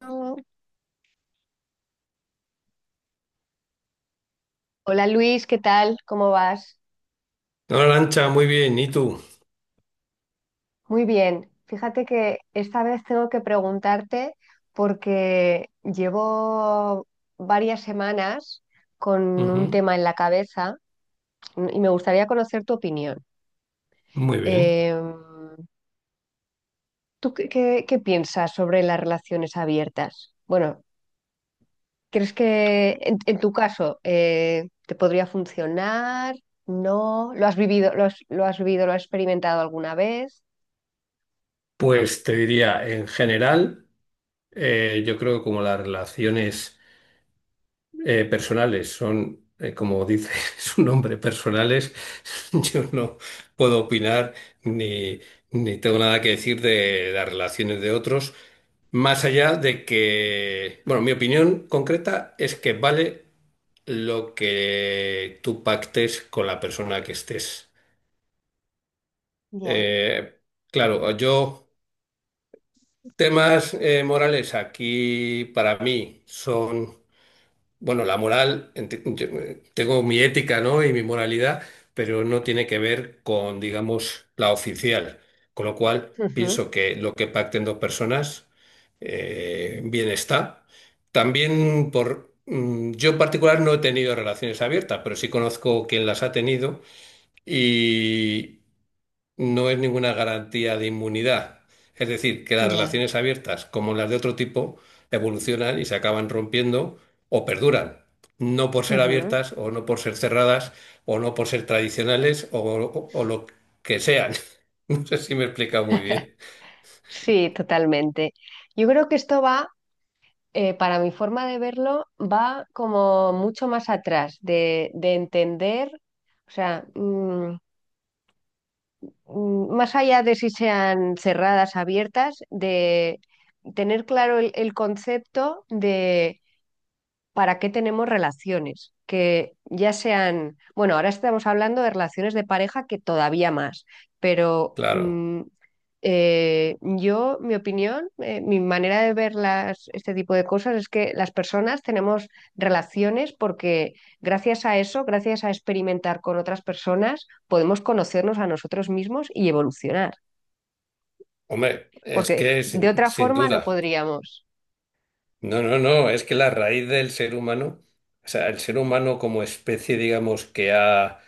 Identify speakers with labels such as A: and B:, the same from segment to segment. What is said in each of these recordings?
A: No. Hola, Luis, ¿qué tal? ¿Cómo vas?
B: Hola, Lancha, muy bien. ¿Y tú?
A: Muy bien. Fíjate que esta vez tengo que preguntarte porque llevo varias semanas con un
B: Ujú.
A: tema en la cabeza y me gustaría conocer tu opinión.
B: Muy bien.
A: Eh, ¿Tú qué piensas sobre las relaciones abiertas? Bueno, ¿crees que en, tu caso te podría funcionar? ¿No? ¿Lo has vivido, lo has experimentado alguna vez?
B: Pues te diría, en general, yo creo que como las relaciones personales son, como dice su nombre, personales, yo no puedo opinar ni, ni tengo nada que decir de las relaciones de otros, más allá de que, bueno, mi opinión concreta es que vale lo que tú pactes con la persona que estés.
A: Ya.
B: Eh, claro, yo temas morales aquí para mí son, bueno, la moral, yo, tengo mi ética, ¿no? Y mi moralidad, pero no tiene que ver con, digamos, la oficial. Con lo cual,
A: Ujú.
B: pienso que lo que pacten dos personas, bien está. También por, yo en particular no he tenido relaciones abiertas, pero sí conozco quien las ha tenido. Y no es ninguna garantía de inmunidad. Es decir, que las
A: Ya.
B: relaciones abiertas, como las de otro tipo, evolucionan y se acaban rompiendo o perduran. No por ser
A: Ujú.
B: abiertas o no por ser cerradas o no por ser tradicionales o lo que sean. No sé si me he explicado muy bien.
A: Sí, totalmente. Yo creo que esto va, para mi forma de verlo, va como mucho más atrás de, entender, o sea, más allá de si sean cerradas, abiertas, de tener claro el concepto para qué tenemos relaciones, que ya sean, bueno, ahora estamos hablando de relaciones de pareja que todavía más, pero
B: Claro.
A: mi opinión, mi manera de ver las, este tipo de cosas es que las personas tenemos relaciones porque gracias a eso, gracias a experimentar con otras personas, podemos conocernos a nosotros mismos y evolucionar,
B: Hombre, es
A: porque
B: que
A: de otra
B: sin
A: forma no
B: duda.
A: podríamos.
B: No, no, no. Es que la raíz del ser humano, o sea, el ser humano como especie, digamos, que ha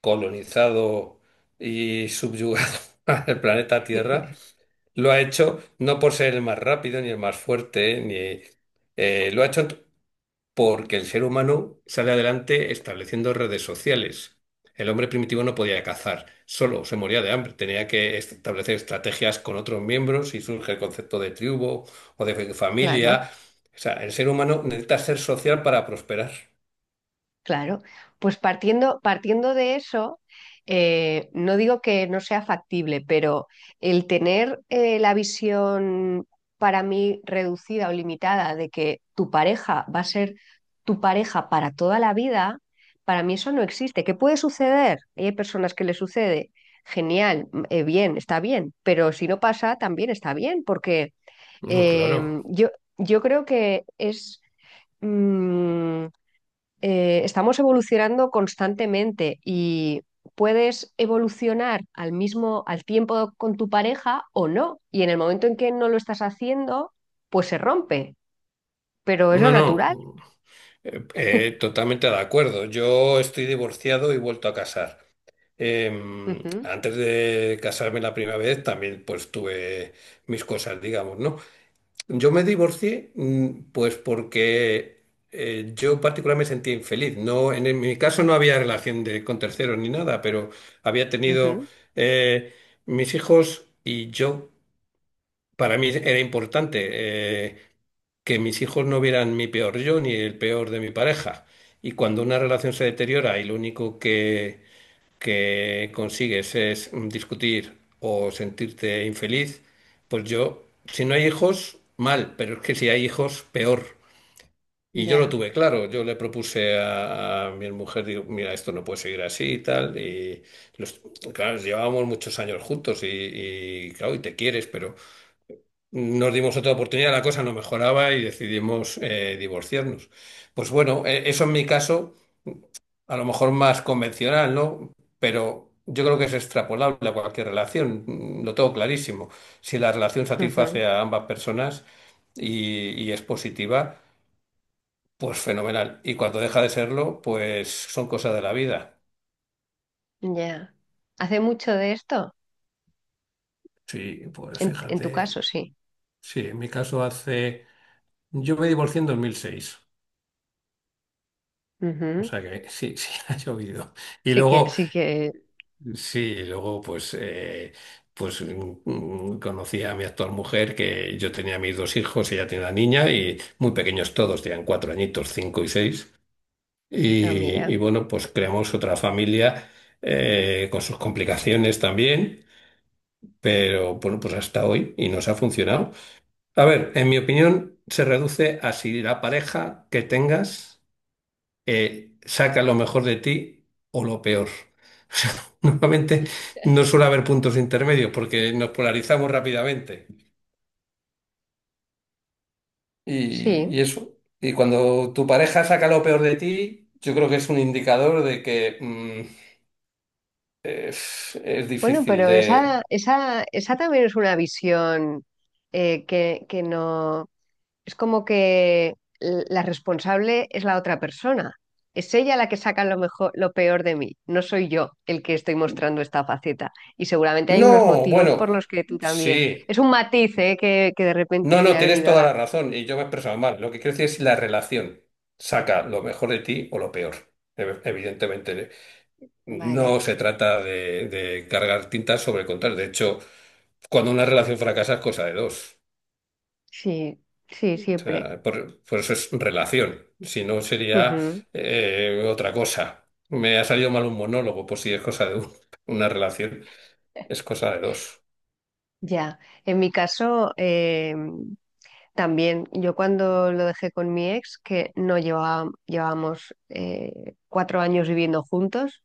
B: colonizado y subyugado al planeta Tierra, lo ha hecho no por ser el más rápido ni el más fuerte, ni lo ha hecho porque el ser humano sale adelante estableciendo redes sociales. El hombre primitivo no podía cazar, solo se moría de hambre, tenía que establecer estrategias con otros miembros y surge el concepto de tribu o de
A: Claro.
B: familia. O sea, el ser humano necesita ser social para prosperar.
A: Claro, pues partiendo de eso, no digo que no sea factible, pero el tener la visión para mí reducida o limitada de que tu pareja va a ser tu pareja para toda la vida, para mí eso no existe. ¿Qué puede suceder? Hay personas que le sucede, genial, bien, está bien, pero si no pasa, también está bien, porque
B: No,
A: eh,
B: claro.
A: yo, yo creo que es. mm, Estamos evolucionando constantemente y puedes evolucionar al tiempo con tu pareja o no. Y en el momento en que no lo estás haciendo, pues se rompe, pero es lo
B: No,
A: natural.
B: no. Totalmente de acuerdo. Yo estoy divorciado y vuelto a casar.
A: Ujú.
B: Antes de casarme la primera vez también pues tuve mis cosas, digamos, ¿no? Yo me divorcié pues porque yo en particular me sentía infeliz. No, en mi caso no había relación de- con terceros ni nada, pero había tenido
A: Ujú.
B: eh, mis hijos y yo para mí era importante que mis hijos no vieran mi peor yo ni el peor de mi pareja. Y cuando una relación se deteriora y lo único que consigues es discutir o sentirte infeliz, pues yo, si no hay hijos, mal, pero es que si hay hijos, peor. Y yo lo
A: Ya.
B: tuve claro, yo le propuse a mi mujer, digo, mira, esto no puede seguir así y tal, y los, claro, llevábamos muchos años juntos y claro, y te quieres, pero... Nos dimos otra oportunidad, la cosa no mejoraba y decidimos divorciarnos. Pues bueno, eso en mi caso, a lo mejor más convencional, ¿no? Pero yo creo que es extrapolable a cualquier relación, mm, lo tengo clarísimo. Si la relación
A: Ujú.
B: satisface a ambas personas y es positiva, pues fenomenal. Y cuando deja de serlo, pues son cosas de la vida.
A: Ya. Hace mucho de esto,
B: Sí, pues
A: en, tu
B: fíjate,
A: caso, sí.
B: sí, en mi caso hace... Yo me divorcié en 2006, o
A: Ujú.
B: sea que sí, sí, ha llovido. Y
A: Sí que,
B: luego...
A: sí que.
B: Sí, y luego pues, pues conocí a mi actual mujer, que yo tenía mis dos hijos, ella tiene una niña y muy pequeños todos, tenían cuatro añitos, cinco y seis.
A: Ah,
B: Y
A: mira,
B: bueno, pues creamos otra familia con sus complicaciones también, pero bueno, pues hasta hoy y nos ha funcionado. A ver, en mi opinión se reduce a si la pareja que tengas saca lo mejor de ti o lo peor. O sea, normalmente no suele haber puntos intermedios porque nos polarizamos rápidamente.
A: sí.
B: Y eso, y cuando tu pareja saca lo peor de ti, yo creo que es un indicador de que mm, es
A: Bueno,
B: difícil
A: pero esa,
B: de...
A: esa, esa también es una visión que no. Es como que la responsable es la otra persona. Es ella la que saca lo mejor, lo peor de mí. No soy yo el que estoy mostrando esta faceta. Y seguramente hay unos
B: No,
A: motivos por
B: bueno,
A: los que tú también.
B: sí.
A: Es un matiz, ¿eh? Que de
B: No,
A: repente me
B: no,
A: ha
B: tienes
A: venido a
B: toda
A: la.
B: la razón y yo me he expresado mal. Lo que quiero decir es la relación. Saca lo mejor de ti o lo peor. Evidentemente.
A: Vale,
B: No se trata de cargar tintas sobre contar. De hecho, cuando una relación fracasa es cosa de dos.
A: sí, sí,
B: O
A: siempre.
B: sea, por eso es relación. Si no, sería
A: Ujú.
B: otra cosa. Me ha salido mal un monólogo, pues si es cosa de uno. Una relación es cosa de dos.
A: Ya, en mi caso, también, yo cuando lo dejé con mi ex, que no llevábamos cuatro años viviendo juntos.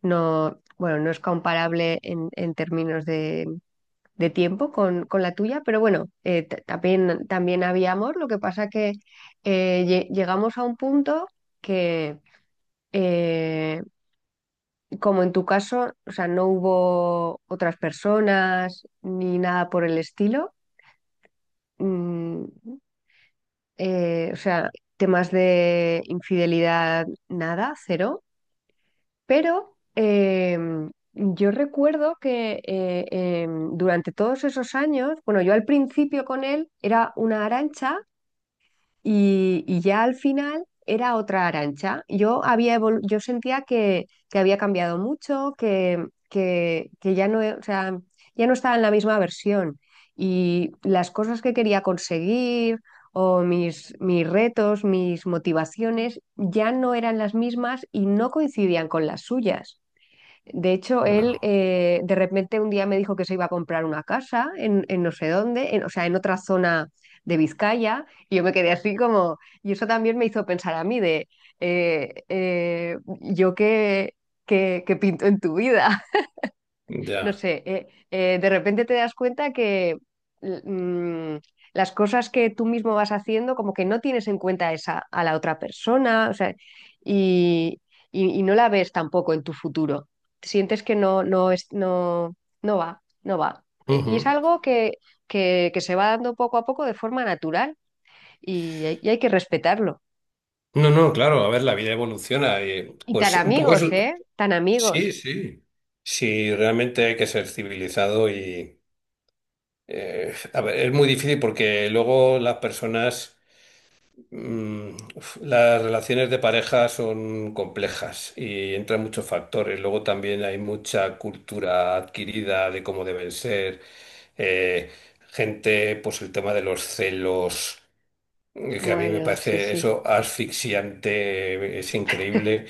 A: No, bueno, no es comparable en, términos de, tiempo con, la tuya, pero bueno, también había amor, lo que pasa que llegamos a un punto que, eh, como en tu caso, o sea, no hubo otras personas ni nada por el estilo. mm, o sea, temas de infidelidad, nada, cero. Pero yo recuerdo que durante todos esos años, bueno, yo al principio con él era una Arancha y ya al final era otra Arancha. Yo sentía que, había cambiado mucho, que ya no, o sea, ya no estaba en la misma versión. Y las cosas que quería conseguir o mis retos, mis motivaciones, ya no eran las mismas y no coincidían con las suyas. De hecho, él
B: Claro.
A: de repente un día me dijo que se iba a comprar una casa en, no sé dónde, o sea, en otra zona de Vizcaya, y yo me quedé así como, y eso también me hizo pensar a mí de, yo qué, pinto en tu vida, no
B: Ya.
A: sé, de repente te das cuenta que l- mm, las cosas que tú mismo vas haciendo, como que no tienes en cuenta esa, a la otra persona, o sea, y, y no la ves tampoco en tu futuro. Sientes que no, no es, no, no va, no va. Y es
B: Ujú.
A: algo que, se va dando poco a poco de forma natural y, y hay que respetarlo.
B: No, no, claro, a ver, la vida evoluciona y
A: Y tan
B: pues un poco es...
A: amigos, ¿eh? Tan
B: Sí,
A: amigos.
B: sí. Sí, realmente hay que ser civilizado. A ver, es muy difícil porque luego las personas, mm, uf, las relaciones de pareja son complejas y entran muchos factores. Luego también hay mucha cultura adquirida de cómo deben ser, eh, gente, pues el tema de los celos. Es que a mí me
A: Bueno, sí,
B: parece
A: sí,
B: eso asfixiante, es increíble.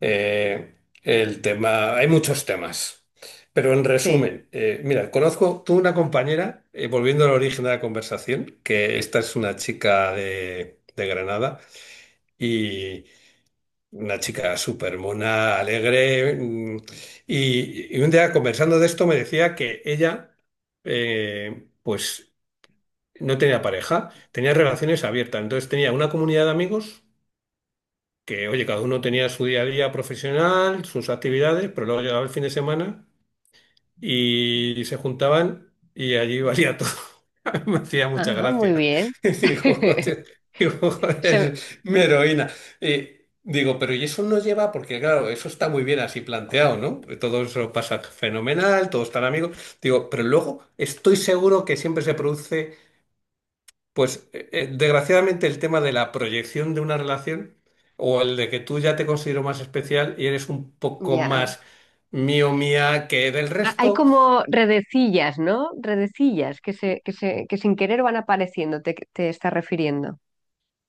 B: Eh, el tema, hay muchos temas, pero en
A: sí.
B: resumen, mira, conozco, tuve una compañera, volviendo al origen de la conversación, que esta es una chica de Granada y una chica súper mona, alegre, mm, y un día conversando de esto me decía que ella, pues no tenía pareja, tenía relaciones abiertas. Entonces tenía una comunidad de amigos que, oye, cada uno tenía su día a día profesional, sus actividades, pero luego llegaba el fin de semana y se juntaban y allí valía todo. Me hacía mucha
A: Ah, muy
B: gracia.
A: bien.
B: Digo, "Oye", digo, "Joder,
A: Se,
B: mi heroína". Y digo, pero ¿y eso no lleva? Porque claro, eso está muy bien así planteado, ¿no? Todo eso pasa fenomenal, todos están amigos. Digo, pero luego estoy seguro que siempre se produce pues desgraciadamente el tema de la proyección de una relación o el de que tú ya te considero más especial y eres un poco
A: Ya.
B: más mío mía que del
A: Hay
B: resto,
A: como redecillas, ¿no? Redecillas que sin querer van apareciendo, te estás refiriendo.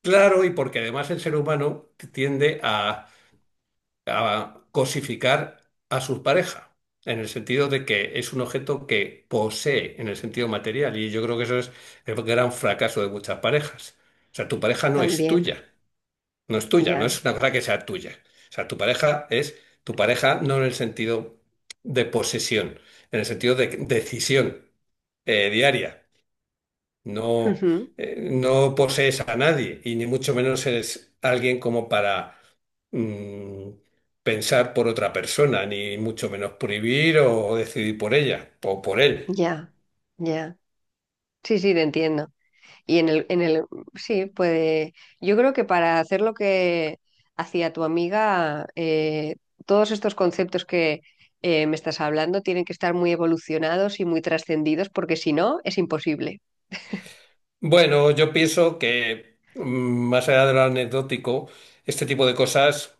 B: claro, y porque además el ser humano tiende a cosificar a su pareja, en el sentido de que es un objeto que posee en el sentido material, y yo creo que eso es el gran fracaso de muchas parejas. O sea, tu pareja no es
A: También,
B: tuya. No es tuya, no
A: ya.
B: es una cosa que sea tuya. O sea, tu pareja es tu pareja no en el sentido de posesión, en el sentido de decisión diaria. No,
A: Ujú.
B: no posees a nadie y ni mucho menos eres alguien como para mm, pensar por otra persona, ni mucho menos prohibir o decidir por ella o por él.
A: Ya, ya. Sí, sí, te entiendo. Y en el, sí, puede. Yo creo que para hacer lo que hacía tu amiga, todos estos conceptos que me estás hablando tienen que estar muy evolucionados y muy trascendidos, porque si no, es imposible.
B: Bueno, yo pienso que mm, más allá de lo anecdótico, este tipo de cosas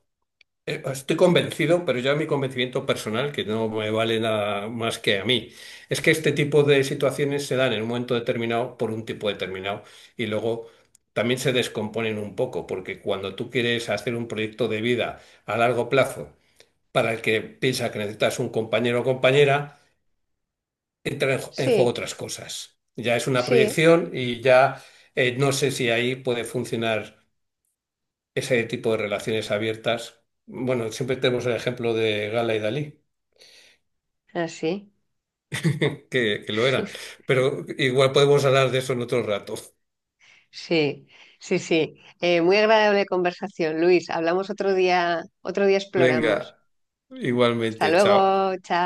B: Estoy convencido, pero ya mi convencimiento personal, que no me vale nada más que a mí, es que este tipo de situaciones se dan en un momento determinado por un tipo determinado y luego también se descomponen un poco, porque cuando tú quieres hacer un proyecto de vida a largo plazo para el que piensa que necesitas un compañero o compañera, entran en juego
A: Sí,
B: otras cosas. Ya es una
A: sí,
B: proyección y ya no sé si ahí puede funcionar ese tipo de relaciones abiertas. Bueno, siempre tenemos el ejemplo de Gala y Dalí,
A: así.
B: que lo eran, pero igual podemos hablar de eso en otro rato.
A: Sí, sí, sí. Muy agradable conversación, Luis. Hablamos otro día exploramos.
B: Venga,
A: Hasta
B: igualmente, chao.
A: luego, chao.